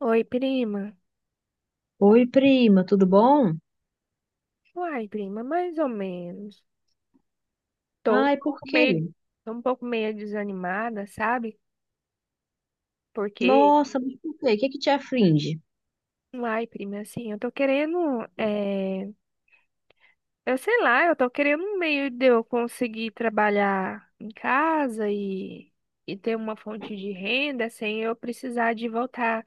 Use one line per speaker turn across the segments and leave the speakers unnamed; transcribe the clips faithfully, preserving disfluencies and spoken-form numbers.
Oi, prima.
Oi, prima, tudo bom?
Uai, prima, mais ou menos. Tô um
Ai, por
pouco
quê?
meio, tô um pouco meio desanimada, sabe? Porque,
Nossa, mas por quê? O que que te aflige?
uai, prima, assim, eu tô querendo, é... eu sei lá, eu tô querendo um meio de eu conseguir trabalhar em casa e, e ter uma fonte de renda sem eu precisar de voltar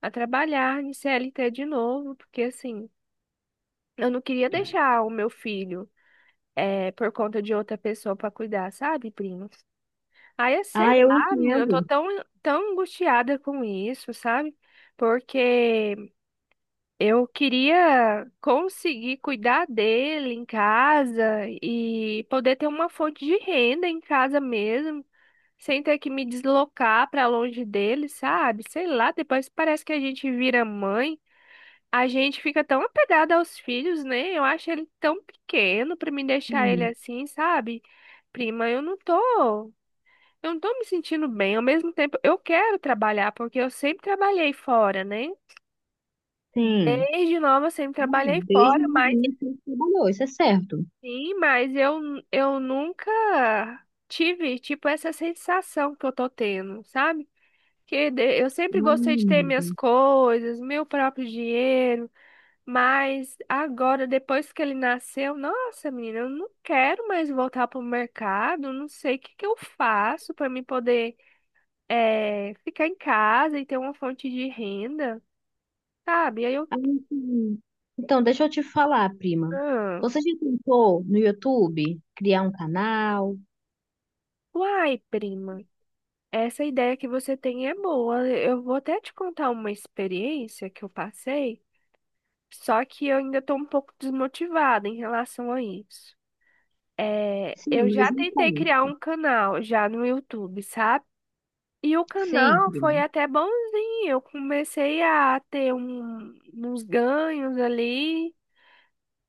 a trabalhar em C L T de novo, porque assim, eu não queria deixar o meu filho, é, por conta de outra pessoa pra cuidar, sabe, prima? Aí, é, sei
Ah, eu
lá, menina, eu tô
entendo.
tão, tão angustiada com isso, sabe? Porque eu queria conseguir cuidar dele em casa e poder ter uma fonte de renda em casa mesmo, sem ter que me deslocar pra longe dele, sabe? Sei lá, depois parece que a gente vira mãe, a gente fica tão apegada aos filhos, né? Eu acho ele tão pequeno pra me deixar ele
Hum.
assim, sabe? Prima, eu não tô. Eu não tô me sentindo bem. Ao mesmo tempo, eu quero trabalhar, porque eu sempre trabalhei fora, né?
Sim.
Desde nova, eu sempre trabalhei
Hum.
fora,
Desde
mas
novinha sempre trabalhou, isso é certo.
sim, mas eu, eu nunca tive, tipo, essa sensação que eu tô tendo, sabe? Que de- eu sempre gostei de ter minhas
Hum.
coisas, meu próprio dinheiro, mas agora, depois que ele nasceu, nossa, menina, eu não quero mais voltar pro mercado, não sei o que que eu faço para me poder é, ficar em casa e ter uma fonte de renda, sabe? Aí eu,
Ah, sim. Então, deixa eu te falar, prima.
ah,
Você já tentou no YouTube criar um canal?
uai, prima, essa ideia que você tem é boa. Eu vou até te contar uma experiência que eu passei, só que eu ainda estou um pouco desmotivada em relação a isso. É,
Sim,
eu já
mas então.
tentei criar um canal já no YouTube, sabe? E o
Sim,
canal foi
prima.
até bonzinho. Eu comecei a ter um- uns ganhos ali.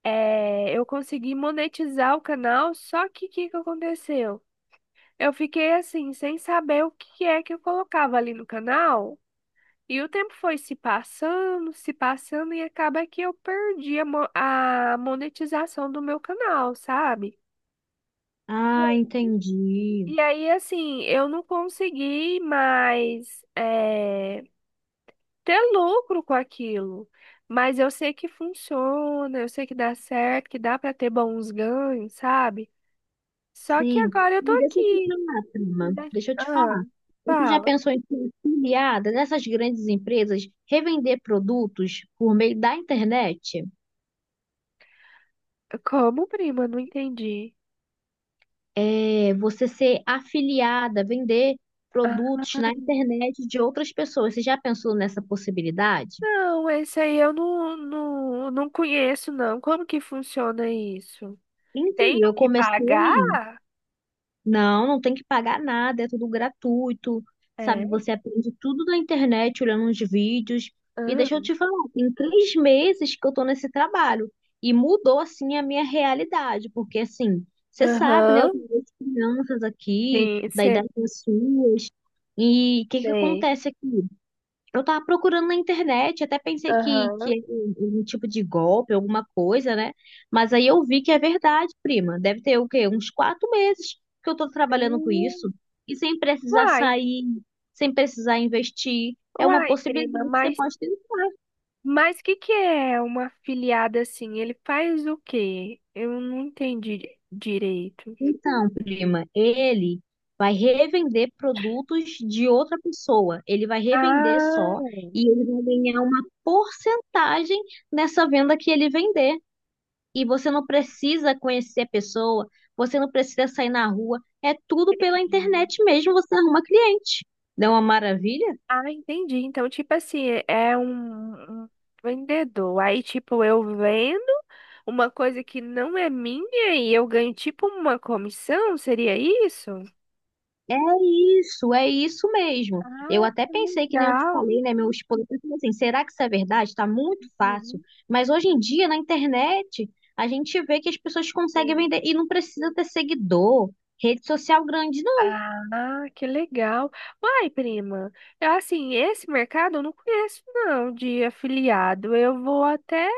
É, eu consegui monetizar o canal, só que o que que aconteceu? Eu fiquei assim, sem saber o que é que eu colocava ali no canal, e o tempo foi se passando, se passando, e acaba que eu perdi a, mo- a monetização do meu canal, sabe?
Ah, entendi.
E aí, assim, eu não consegui mais, é, ter lucro com aquilo. Mas eu sei que funciona, eu sei que dá certo, que dá para ter bons ganhos, sabe? Só que
Sim.
agora eu tô
E deixa eu te
aqui.
falar, prima.
Ainda-
Deixa eu te
Ah,
falar. Você já
fala.
pensou em ser afiliada dessas grandes empresas, revender produtos por meio da internet?
Como, prima? Não entendi.
É, você ser afiliada, vender
Ah,
produtos na internet de outras pessoas. Você já pensou nessa possibilidade?
não, esse aí eu não, não, não conheço, não. Como que funciona isso?
Então,
Tenho
eu
que pagar?
comecei. Não, não tem que pagar nada, é tudo gratuito, sabe?
É.
Você aprende tudo na internet, olhando uns vídeos. E
Ah,
deixa eu te falar, tem três meses que eu tô nesse trabalho e mudou, assim, a minha realidade, porque, assim, você sabe, né? Eu
aham.
tenho duas crianças aqui,
Sim,
da
sei,
idade das suas, e o que que
sei.
acontece aqui? Eu tava procurando na internet, até pensei que, que
Aham.
era um, um tipo de golpe, alguma coisa, né? Mas aí eu vi que é verdade, prima. Deve ter o quê? Uns quatro meses que eu tô trabalhando com
Hum.
isso. E sem precisar
Uai,
sair, sem precisar investir. É uma
uai,
possibilidade
prima,
que você
mas
pode tentar.
mas que que é uma afiliada assim? Ele faz o quê? Eu não entendi di- direito.
Então, prima, ele vai revender produtos de outra pessoa. Ele vai revender
Ah,
só e ele vai ganhar uma porcentagem nessa venda que ele vender. E você não precisa conhecer a pessoa, você não precisa sair na rua, é tudo pela internet mesmo, você arruma cliente. Não é uma maravilha?
ah, entendi. Então, tipo assim, é um, um vendedor. Aí, tipo, eu vendo uma coisa que não é minha e eu ganho, tipo, uma comissão? Seria isso?
É isso, é isso mesmo. Eu
Ah,
até
que
pensei, que nem eu te
legal.
falei, né, meu esposo, eu falei assim, será que isso é verdade? Está muito fácil.
Uhum.
Mas hoje em dia, na internet, a gente vê que as pessoas conseguem
Sim.
vender e não precisa ter seguidor, rede social grande.
Ah, que legal. Uai, prima, eu, assim, esse mercado eu não conheço, não, de afiliado. Eu vou até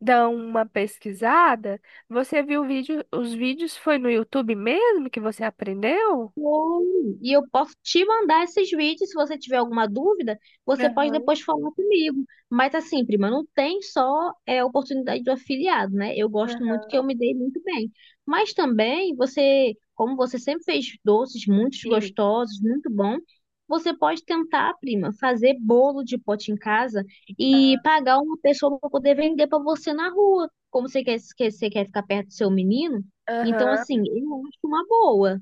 dar uma pesquisada. Você viu o vídeo, os vídeos foi no YouTube mesmo que você aprendeu?
Oi. E eu posso te mandar esses vídeos. Se você tiver alguma dúvida, você pode
Aham,
depois falar comigo. Mas assim, prima, não tem só é, oportunidade do afiliado, né? Eu gosto muito, que
aham.
eu me dei muito bem. Mas também você, como você sempre fez doces muito
Sim.
gostosos, muito bom, você pode tentar, prima, fazer bolo de pote em casa e pagar uma pessoa para poder vender para você na rua. Como você quer, que você quer ficar perto do seu menino, então assim,
Aham.
eu acho uma boa.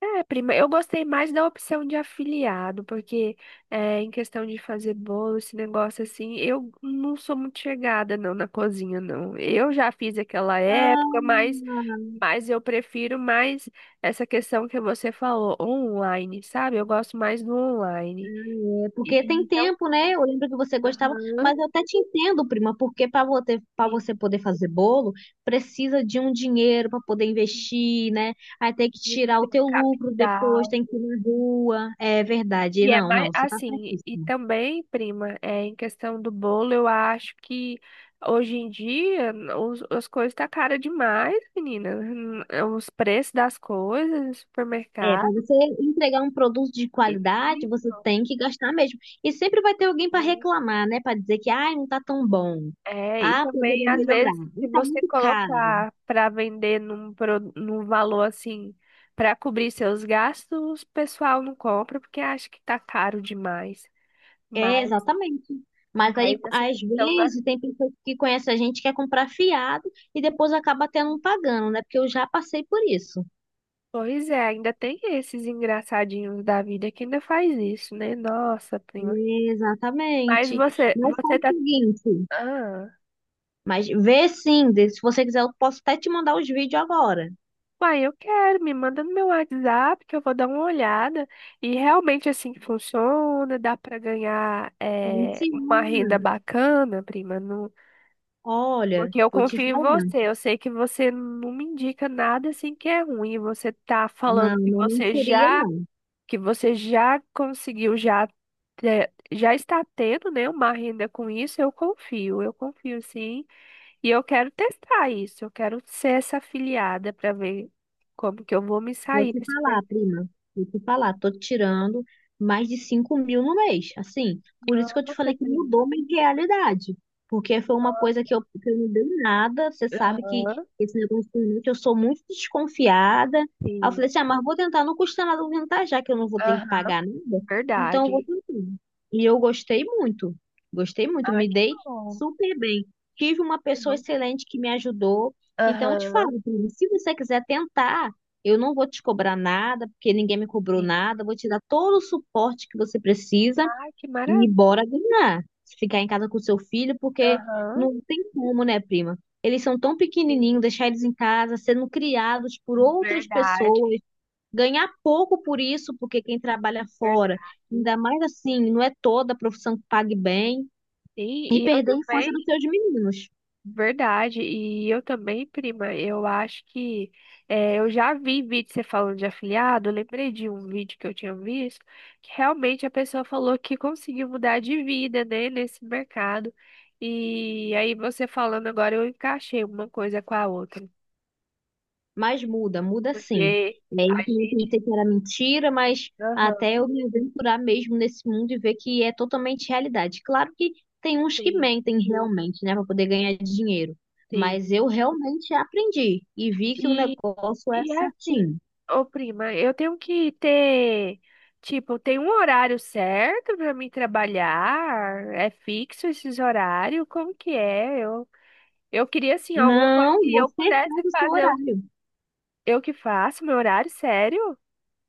É, prima, eu gostei mais da opção de afiliado, porque é, em questão de fazer bolo, esse negócio assim, eu não sou muito chegada não na cozinha, não. Eu já fiz aquela
Ah,
época, mas Mas eu prefiro mais essa questão que você falou, online, sabe? Eu gosto mais do online.
é, porque
E
tem
então,
tempo, né? Eu lembro que você gostava,
aham,
mas eu até te entendo, prima, porque para você, para
e-
você poder fazer bolo, precisa de um dinheiro para poder
e
investir, né? Aí tem que
precisa de
tirar
ter
o
um
teu lucro depois,
capital.
tem que ir na rua. É verdade.
E é
Não,
mais
não, você tá
assim, e
certíssima.
também, prima, é, em questão do bolo, eu acho que hoje em dia os, as coisas tá cara demais, menina. Hum. Os preços das coisas no
É, para
supermercado.
você entregar um produto de qualidade, você tem que gastar mesmo. E sempre vai ter alguém para
Isso.
reclamar, né? Para dizer que, ai, não tá tão bom.
É, e
Ah,
também,
poderia
às
melhorar.
vezes, se
Não tá
você
muito caro.
colocar para vender num, pro- num valor assim, para cobrir seus gastos, o pessoal não compra porque acha que tá caro demais.
É,
Mas,
exatamente. Mas aí,
mas essa
às
questão da.
vezes, tem pessoas que conhecem a gente que quer comprar fiado e depois acaba até não pagando, né? Porque eu já passei por isso.
Pois é, ainda tem esses engraçadinhos da vida que ainda faz isso, né? Nossa, prima. Mas
Exatamente.
você,
Mas faz
você
o
tá.
seguinte,
Ah.
mas vê sim, de- se você quiser, eu posso até te mandar os vídeos agora.
Uai, eu quero, me manda no meu WhatsApp que eu vou dar uma olhada. E realmente assim que funciona, dá para ganhar
Sim,
eh, uma
sim.
renda bacana, prima. Não...
Olha,
Porque eu
vou te
confio em
falar.
você. Eu sei que você não me indica nada assim que é ruim. Você tá
Não,
falando que
não
você
mentiria.
já, que você já conseguiu, já, te- já está tendo, né, uma renda com isso. Eu confio, eu confio sim. E eu quero testar isso, eu quero ser essa afiliada para ver como que eu vou me
Vou
sair
te
desse
falar,
mercado.
prima. Vou te falar, tô tirando mais de cinco mil no mês. Assim, por isso que eu te
Nossa,
falei que mudou
prima.
minha realidade. Porque foi uma coisa
Nossa.
que eu, que eu não dei nada. Você sabe que
Aham.
esse negócio de internet, eu sou muito desconfiada. Aí eu
Sim,
falei assim, ah, mas vou tentar, não custa nada eu tentar, já que eu não vou ter que
aham,
pagar nada. Então eu vou
verdade.
tentar. E eu gostei muito. Gostei muito,
Ah,
me
que
dei
bom.
super bem. Tive uma
Que
pessoa
bom.
excelente que me ajudou. Então eu te
Aham,
falo, prima, se você quiser tentar. Eu não vou te cobrar nada, porque ninguém me cobrou
sim.
nada. Eu vou te dar todo o suporte que você precisa
Ah, que
e
maravilha.
bora ganhar. Ficar em casa com seu filho, porque
Aham,
não tem como, né, prima? Eles são tão pequenininhos,
sim,
deixar eles em casa, sendo criados por outras pessoas,
verdade,
ganhar pouco por isso, porque quem trabalha
verdade.
fora,
Sim,
ainda mais assim, não é toda a profissão que pague bem, e
e eu
perder a infância
também.
dos seus meninos.
Verdade, e eu também, prima, eu acho que eh, eu já vi vídeo você falando de afiliado, eu lembrei de um vídeo que eu tinha visto, que realmente a pessoa falou que conseguiu mudar de vida, né, nesse mercado. E aí você falando agora, eu encaixei uma coisa com a outra,
Mas muda, muda sim.
porque
E aí
a
eu
gente,
pensei que era mentira, mas
aham,
até eu me aventurar mesmo nesse mundo e ver que é totalmente realidade. Claro que tem uns que
sim,
mentem realmente, né, para poder ganhar dinheiro. Mas eu realmente aprendi e vi que o
sim.
negócio é
E assim,
certinho.
ô prima, eu tenho que ter, tipo, tem um horário certo pra mim trabalhar? É fixo esses horários? Como que é? Eu, eu queria, assim, alguma coisa
Não,
que eu
você
pudesse
faz o seu
fazer. Eu,
horário.
eu que faço meu horário, sério?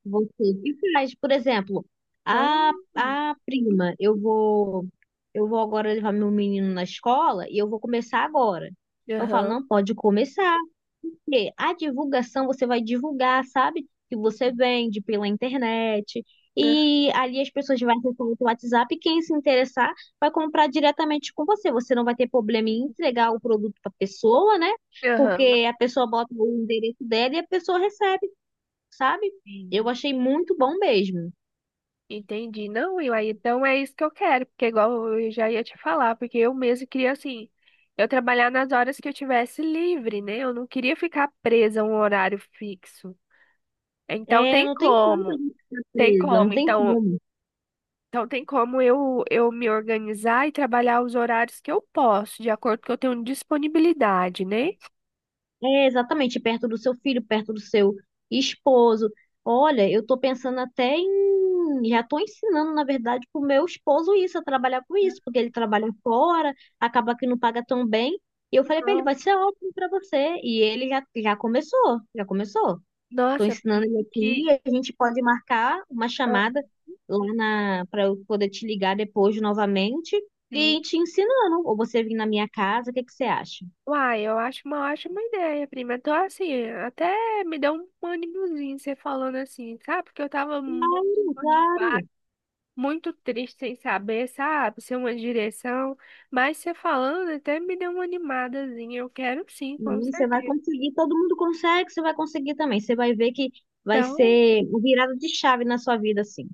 Você que faz, por exemplo,
Ah,
a, a prima, eu vou eu vou agora levar meu menino na escola e eu vou começar agora. Eu falo,
aham,
não, pode começar. Porque a divulgação você vai divulgar, sabe? Que você vende pela internet.
aham,
E ali as pessoas vão acessar o WhatsApp e quem se interessar vai comprar diretamente com você. Você não vai ter problema em entregar o produto para a pessoa, né?
aham.
Porque a pessoa bota o endereço dela e a pessoa recebe, sabe? Eu
Sim.
achei muito bom mesmo.
Entendi. Não, Will, aí então é isso que eu quero, porque igual eu já ia te falar, porque eu mesmo queria assim, eu trabalhar nas horas que eu tivesse livre, né? Eu não queria ficar presa a um horário fixo. Então
É,
tem
não tem como a
como,
gente ficar
tem
presa, não
como.
tem
Então,
como.
então tem como eu eu me organizar e trabalhar os horários que eu posso, de acordo com que eu tenho disponibilidade, né?
É, exatamente, perto do seu filho, perto do seu esposo. Olha, eu tô pensando até em. Já tô ensinando, na verdade, pro meu esposo isso, a trabalhar com isso, porque ele trabalha fora, acaba que não paga tão bem. E eu falei pra ele,
Ah,
vai ser ótimo pra você. E ele já, já começou, já começou. Estou
nossa,
ensinando
que
ele
que-
aqui. A gente pode marcar uma
ah.
chamada lá na para eu poder te ligar depois novamente e ir
Sim.
te ensinando. Ou você vir na minha casa, o que que você acha?
Uai, eu acho uma ótima ideia, prima. Então, assim, até me deu um ânimozinho você falando assim, sabe? Porque eu tava muito
Claro,
desmotivada,
claro.
muito triste sem saber, sabe? Sem uma direção. Mas você falando até me deu uma animadazinha. Eu quero sim, com
Não, você vai
certeza.
conseguir, todo mundo consegue, você vai conseguir também. Você vai ver que vai
Então,
ser um virada de chave na sua vida, assim.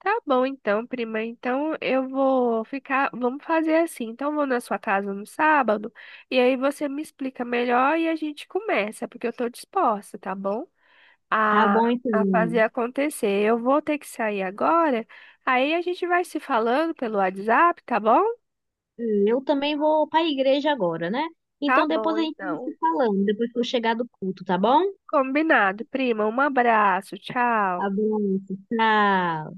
tá bom então, prima. Então, eu vou ficar. Vamos fazer assim. Então, eu vou na sua casa no sábado. E aí você me explica melhor e a gente começa, porque eu tô disposta, tá bom?
Tá
A,
bom,
a fazer
então.
acontecer. Eu vou ter que sair agora, aí a gente vai se falando pelo WhatsApp, tá bom?
Eu também vou para a igreja agora, né?
Tá
Então
bom,
depois a gente vai
então.
se falando, depois que eu chegar do culto, tá bom?
Combinado, prima. Um abraço, tchau.
Abraço, tchau.